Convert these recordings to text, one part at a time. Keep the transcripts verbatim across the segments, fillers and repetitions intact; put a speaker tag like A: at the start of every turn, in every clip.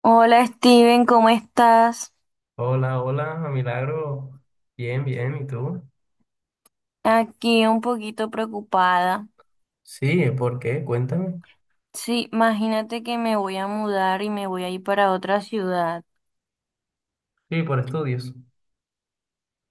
A: Hola Steven, ¿cómo estás?
B: Hola, hola, Milagro. Bien, bien, ¿y tú?
A: Aquí un poquito preocupada.
B: Sí, ¿por qué? Cuéntame.
A: Sí, imagínate que me voy a mudar y me voy a ir para otra ciudad.
B: Sí, por estudios.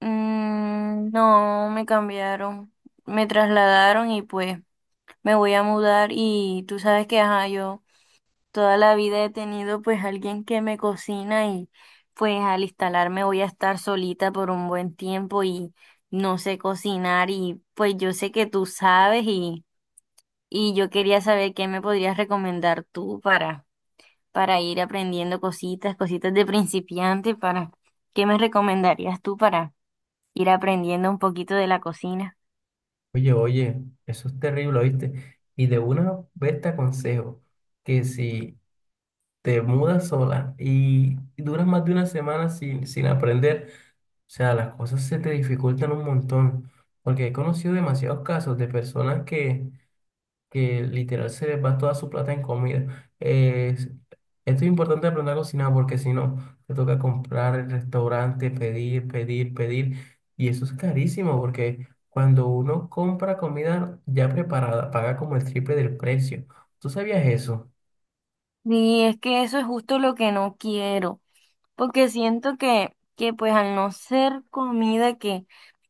A: Mm, no, me cambiaron, me trasladaron y pues me voy a mudar y tú sabes que, ajá, yo toda la vida he tenido pues alguien que me cocina y pues al instalarme voy a estar solita por un buen tiempo y no sé cocinar y pues yo sé que tú sabes y... Y yo quería saber qué me podrías recomendar tú para, para ir aprendiendo cositas, cositas de principiante, para, ¿qué me recomendarías tú para ir aprendiendo un poquito de la cocina?
B: Oye, oye, eso es terrible, ¿oíste? Y de una vez te aconsejo que si te mudas sola y duras más de una semana sin, sin aprender, o sea, las cosas se te dificultan un montón, porque he conocido demasiados casos de personas que que literal se les va toda su plata en comida. Eh, esto es importante aprender a cocinar porque si no, te toca comprar el restaurante, pedir, pedir, pedir. Y eso es carísimo porque cuando uno compra comida ya preparada, paga como el triple del precio. ¿Tú sabías eso?
A: Y es que eso es justo lo que no quiero, porque siento que, que pues al no ser comida que,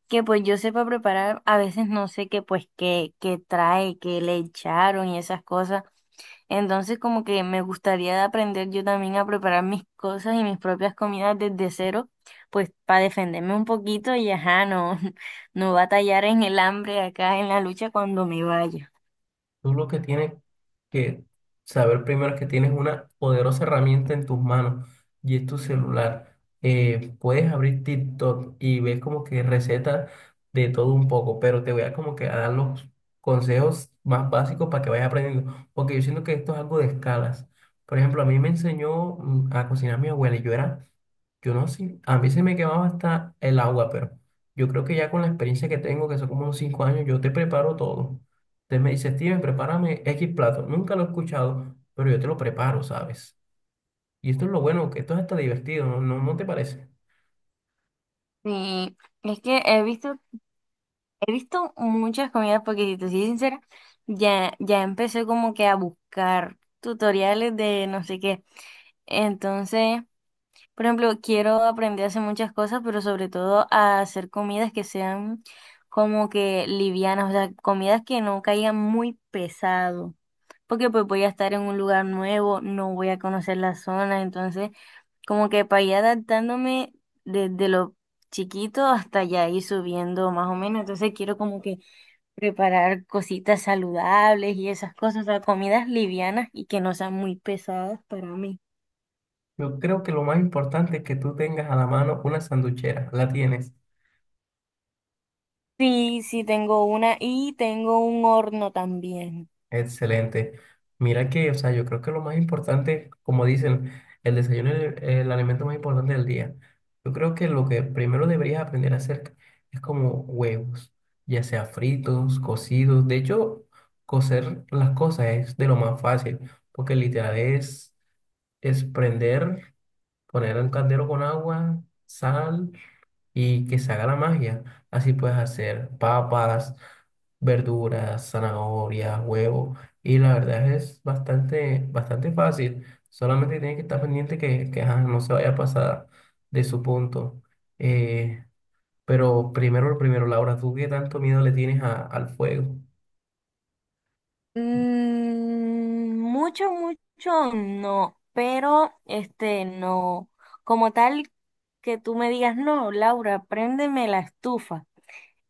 A: que pues yo sepa preparar, a veces no sé qué pues qué, qué trae, qué le echaron y esas cosas. Entonces, como que me gustaría aprender yo también a preparar mis cosas y mis propias comidas desde cero, pues para defenderme un poquito y ajá, no, no batallar en el hambre acá en la lucha cuando me vaya.
B: Tú lo que tienes que saber primero es que tienes una poderosa herramienta en tus manos y es tu celular. Eh, puedes abrir TikTok y ves como que recetas de todo un poco, pero te voy a como que a dar los consejos más básicos para que vayas aprendiendo, porque yo siento que esto es algo de escalas. Por ejemplo, a mí me enseñó mm, a cocinar mi abuela y yo era... Yo no sé, a mí se me quemaba hasta el agua, pero yo creo que ya con la experiencia que tengo, que son como unos cinco años, yo te preparo todo. Entonces me dice, Steven, prepárame X plato. Nunca lo he escuchado, pero yo te lo preparo, ¿sabes? Y esto es lo bueno, que esto es hasta divertido, ¿no? ¿No, no te parece?
A: Sí, es que he visto, he visto muchas comidas, porque si te soy sincera, ya, ya empecé como que a buscar tutoriales de no sé qué. Entonces, por ejemplo, quiero aprender a hacer muchas cosas, pero sobre todo a hacer comidas que sean como que livianas, o sea, comidas que no caigan muy pesado, porque pues voy a estar en un lugar nuevo, no voy a conocer la zona, entonces como que para ir adaptándome desde lo chiquito hasta ya ir subiendo más o menos, entonces quiero como que preparar cositas saludables y esas cosas, o sea, comidas livianas y que no sean muy pesadas para mí.
B: Yo creo que lo más importante es que tú tengas a la mano una sanduchera. La tienes.
A: Sí, sí, tengo una y tengo un horno también.
B: Excelente. Mira que, o sea, yo creo que lo más importante, como dicen, el desayuno es el, el alimento más importante del día. Yo creo que lo que primero deberías aprender a hacer es como huevos, ya sea fritos, cocidos. De hecho, cocer las cosas es de lo más fácil, porque literal es, es prender, poner en un caldero con agua, sal y que se haga la magia. Así puedes hacer papas, verduras, zanahorias, huevos. Y la verdad es bastante, bastante fácil. Solamente tienes que estar pendiente que, que, ajá, no se vaya a pasar de su punto. Eh, pero primero, lo primero, Laura, ¿tú qué tanto miedo le tienes a- al fuego?
A: Mm, mucho, mucho no, pero este no. Como tal que tú me digas, no, Laura, préndeme la estufa.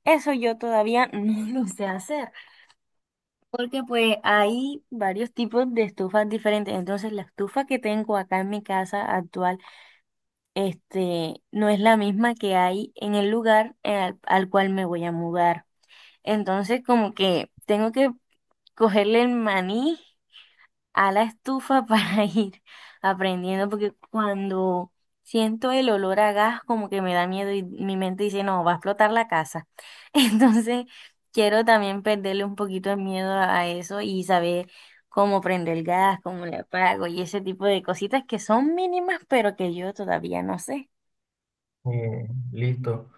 A: Eso yo todavía no lo sé hacer, porque pues hay varios tipos de estufas diferentes. Entonces, la estufa que tengo acá en mi casa actual, este, no es la misma que hay en el lugar eh, al al cual me voy a mudar. Entonces, como que tengo que cogerle el maní a la estufa para ir aprendiendo, porque cuando siento el olor a gas, como que me da miedo y mi mente dice, no, va a explotar la casa. Entonces, quiero también perderle un poquito de miedo a eso y saber cómo prendo el gas, cómo le apago y ese tipo de cositas que son mínimas, pero que yo todavía no sé.
B: Eh, Listo.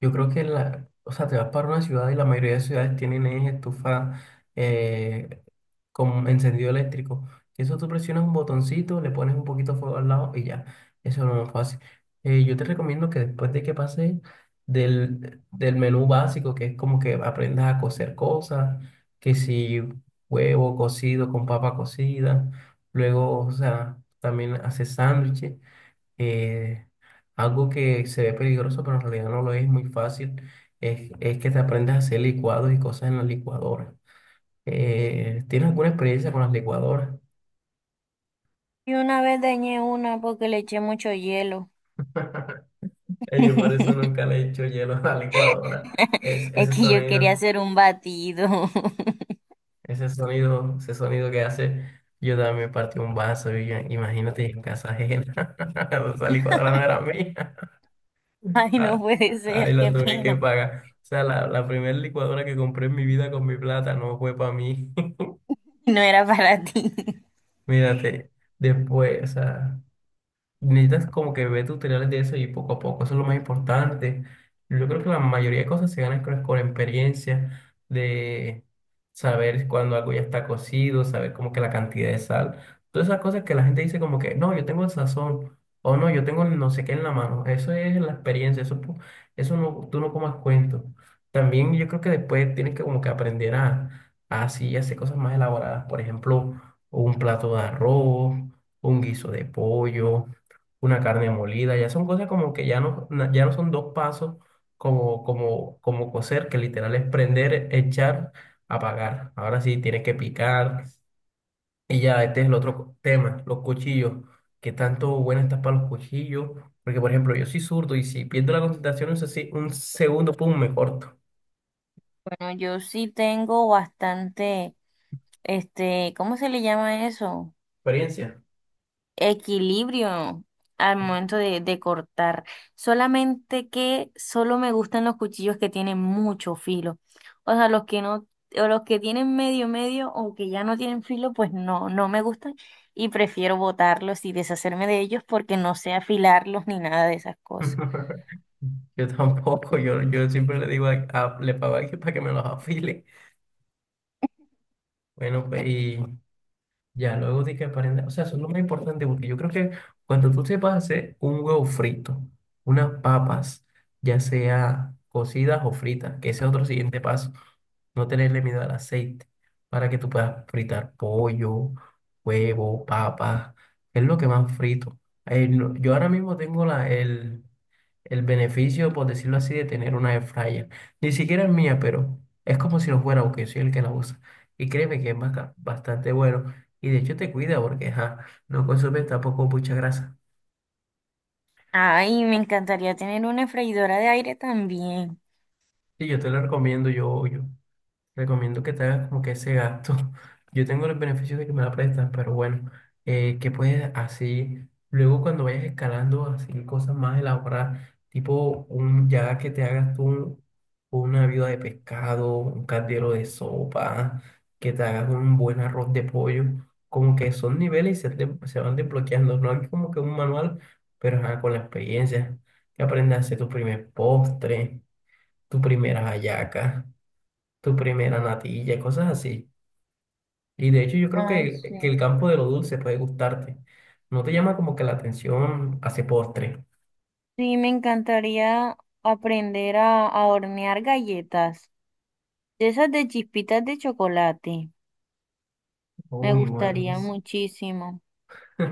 B: Yo creo que la, o sea, te vas para una ciudad y la mayoría de ciudades tienen es estufa eh, con encendido eléctrico. Y eso tú presionas un botoncito, le pones un poquito de fuego al lado y ya. Eso es lo más fácil. Eh, yo te recomiendo que después de que pases del, del menú básico, que es como que aprendas a cocer cosas, que si huevo cocido con papa cocida, luego, o sea, también haces sándwiches eh, algo que se ve peligroso, pero en realidad no lo es muy fácil, es, es que te aprendas a hacer licuados y cosas en la licuadora. Eh, ¿tienes alguna experiencia con las licuadoras?
A: Y una vez dañé una porque le eché mucho hielo.
B: Eh, Yo por eso nunca le he hecho hielo a la licuadora. Es,
A: Es
B: ese
A: que yo quería
B: sonido,
A: hacer un batido.
B: ese sonido, ese sonido que hace, yo también partí un vaso y yo- imagínate en casa ajena. Esa licuadora no era mía.
A: Ay, no
B: Ah,
A: puede
B: Ahí
A: ser,
B: la
A: qué
B: tuve que
A: pena.
B: pagar. O sea, la, la primera licuadora que compré en mi vida con mi plata no fue para mí.
A: No era para ti.
B: Mírate, después, o sea. Necesitas como que ver tutoriales de eso y poco a poco, eso es lo más importante. Yo creo que la mayoría de cosas se ganan con, con experiencia, de saber cuando algo ya está cocido, saber como que la cantidad de sal, todas esas cosas que la gente dice como que, no, yo tengo el sazón, o no, yo tengo el no sé qué en la mano, eso es la experiencia, eso, pu- eso no, tú no comas cuento. También yo creo que después tienes que como que aprender a, a así hacer cosas más elaboradas, por ejemplo, un plato de arroz un guiso de pollo, una carne molida, ya son cosas como que ya no, na- ya no son dos pasos como, como, como cocer, que literal es prender, echar, apagar. Ahora sí tienes que picar. Y ya, este es el otro co- tema, los cuchillos. ¿Qué tanto buena estás para los cuchillos? Porque, por ejemplo, yo soy zurdo y si pierdo la concentración un, sesi- un segundo, pum, me corto.
A: Bueno, yo sí tengo bastante, este, ¿cómo se le llama eso?
B: Experiencia.
A: Equilibrio al momento de, de cortar. Solamente que solo me gustan los cuchillos que tienen mucho filo. O sea, los que no, o los que tienen medio medio o que ya no tienen filo, pues no, no me gustan. Y prefiero botarlos y deshacerme de ellos porque no sé afilarlos ni nada de esas cosas.
B: Yo tampoco, yo, yo siempre le digo a, a- le pago a alguien para que me los afile. Bueno, pues y ya, luego de que aprenda, o sea, eso es lo más importante porque yo creo que cuando tú sepas hacer un huevo frito, unas papas, ya sea cocidas o fritas, que ese es otro siguiente paso, no tenerle miedo al aceite, para que tú puedas fritar pollo, huevo, papas, es lo que más frito. Eh, no- yo ahora mismo tengo la, el, el beneficio, por decirlo así, de tener una air fryer. Ni siquiera es mía, pero es como si lo fuera, aunque soy el que la usa. Y créeme que es baca- bastante bueno. Y de hecho te cuida porque ajá, no consume tampoco mucha grasa.
A: Ay, me encantaría tener una freidora de aire también.
B: Y yo te lo recomiendo, yo, yo. Recomiendo que te hagas como que ese gasto. Yo tengo los beneficios de que me la prestan, pero bueno, eh, que puedes así, luego cuando vayas escalando, así cosas más elaboradas, tipo un, ya que te hagas tú una viuda de pescado, un caldero de sopa, que te hagas un buen arroz de pollo, como que son niveles y se, te- se van desbloqueando. No hay como que un manual, pero ajá, con la experiencia, que aprendas a hacer tu primer postre, tu primera hallaca tu primera natilla, cosas así. Y de hecho yo creo
A: Ay,
B: que,
A: sí.
B: que el campo de lo dulce puede gustarte. ¿No te llama como que la atención hace postre?
A: Sí, me encantaría aprender a, a hornear galletas, de esas de chispitas de chocolate. Me
B: Uy, bueno.
A: gustaría muchísimo.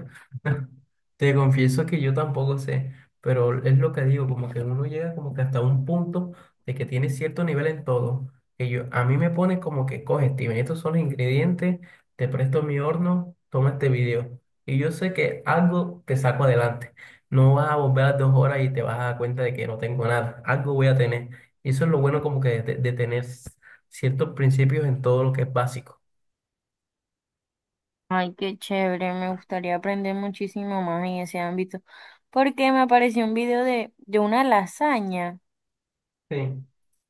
B: Te confieso que yo tampoco sé, pero es lo que digo, como que uno llega como que hasta un punto de que tiene cierto nivel en todo, que yo, a mí me pone como que coge, Steven, estos son los ingredientes, te presto mi horno, toma este video. Y yo sé que algo te saco adelante. No vas a volver a las dos horas y te vas a dar cuenta de que no tengo nada, algo voy a tener. Y eso es lo bueno como que de, de tener ciertos principios en todo lo que es básico.
A: Ay, qué chévere, me gustaría aprender muchísimo más en ese ámbito, porque me apareció un video de, de una lasaña
B: Sí.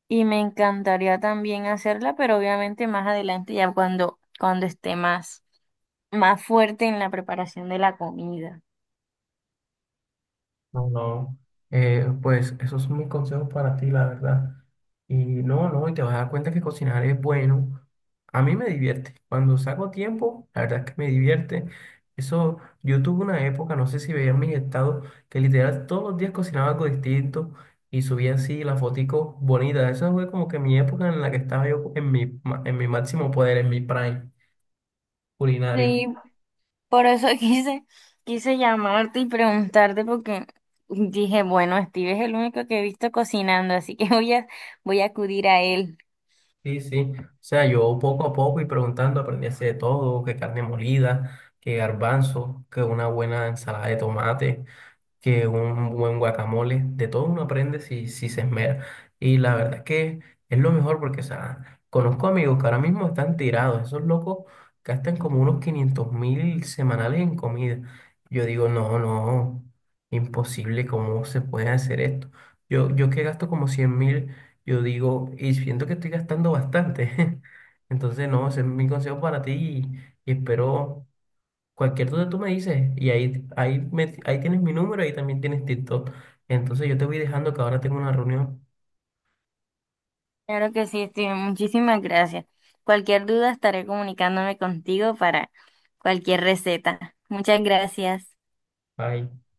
A: y me encantaría también hacerla, pero obviamente más adelante, ya cuando, cuando esté más, más fuerte en la preparación de la comida.
B: No, no. Eh, pues eso es un consejo para ti, la verdad. Y no, no, y te vas a dar cuenta que cocinar es bueno. A mí me divierte. Cuando saco tiempo, la verdad es que me divierte. Eso, yo tuve una época, no sé si veían mis estados, que literal todos los días cocinaba algo distinto y subía así la fotico bonita. Eso fue como que mi época en la que estaba yo en mi, ma- en mi máximo poder, en mi prime culinario.
A: Sí, por eso quise, quise llamarte y preguntarte porque dije, bueno, Steve es el único que he visto cocinando, así que voy a, voy a acudir a él.
B: Sí, sí. O sea, yo poco a poco y preguntando aprendí a hacer de todo, que carne molida, que garbanzo, que una buena ensalada de tomate que un buen guacamole, de todo uno aprende si, si se esmera. Y la verdad es que es lo mejor porque, o sea, conozco amigos que ahora mismo están tirados, esos locos gastan como unos quinientos mil semanales en comida. Yo digo, no, no, imposible, ¿cómo se puede hacer esto? Yo, yo que gasto como cien mil, yo digo, y siento que estoy gastando bastante. Entonces, no, ese es mi consejo para ti y, y espero. Cualquier duda tú me dices y ahí, ahí, me- ahí tienes mi número, ahí también tienes TikTok. Entonces yo te voy dejando que ahora tengo una reunión.
A: Claro que sí, Steve, muchísimas gracias. Cualquier duda estaré comunicándome contigo para cualquier receta. Muchas gracias.
B: Bye.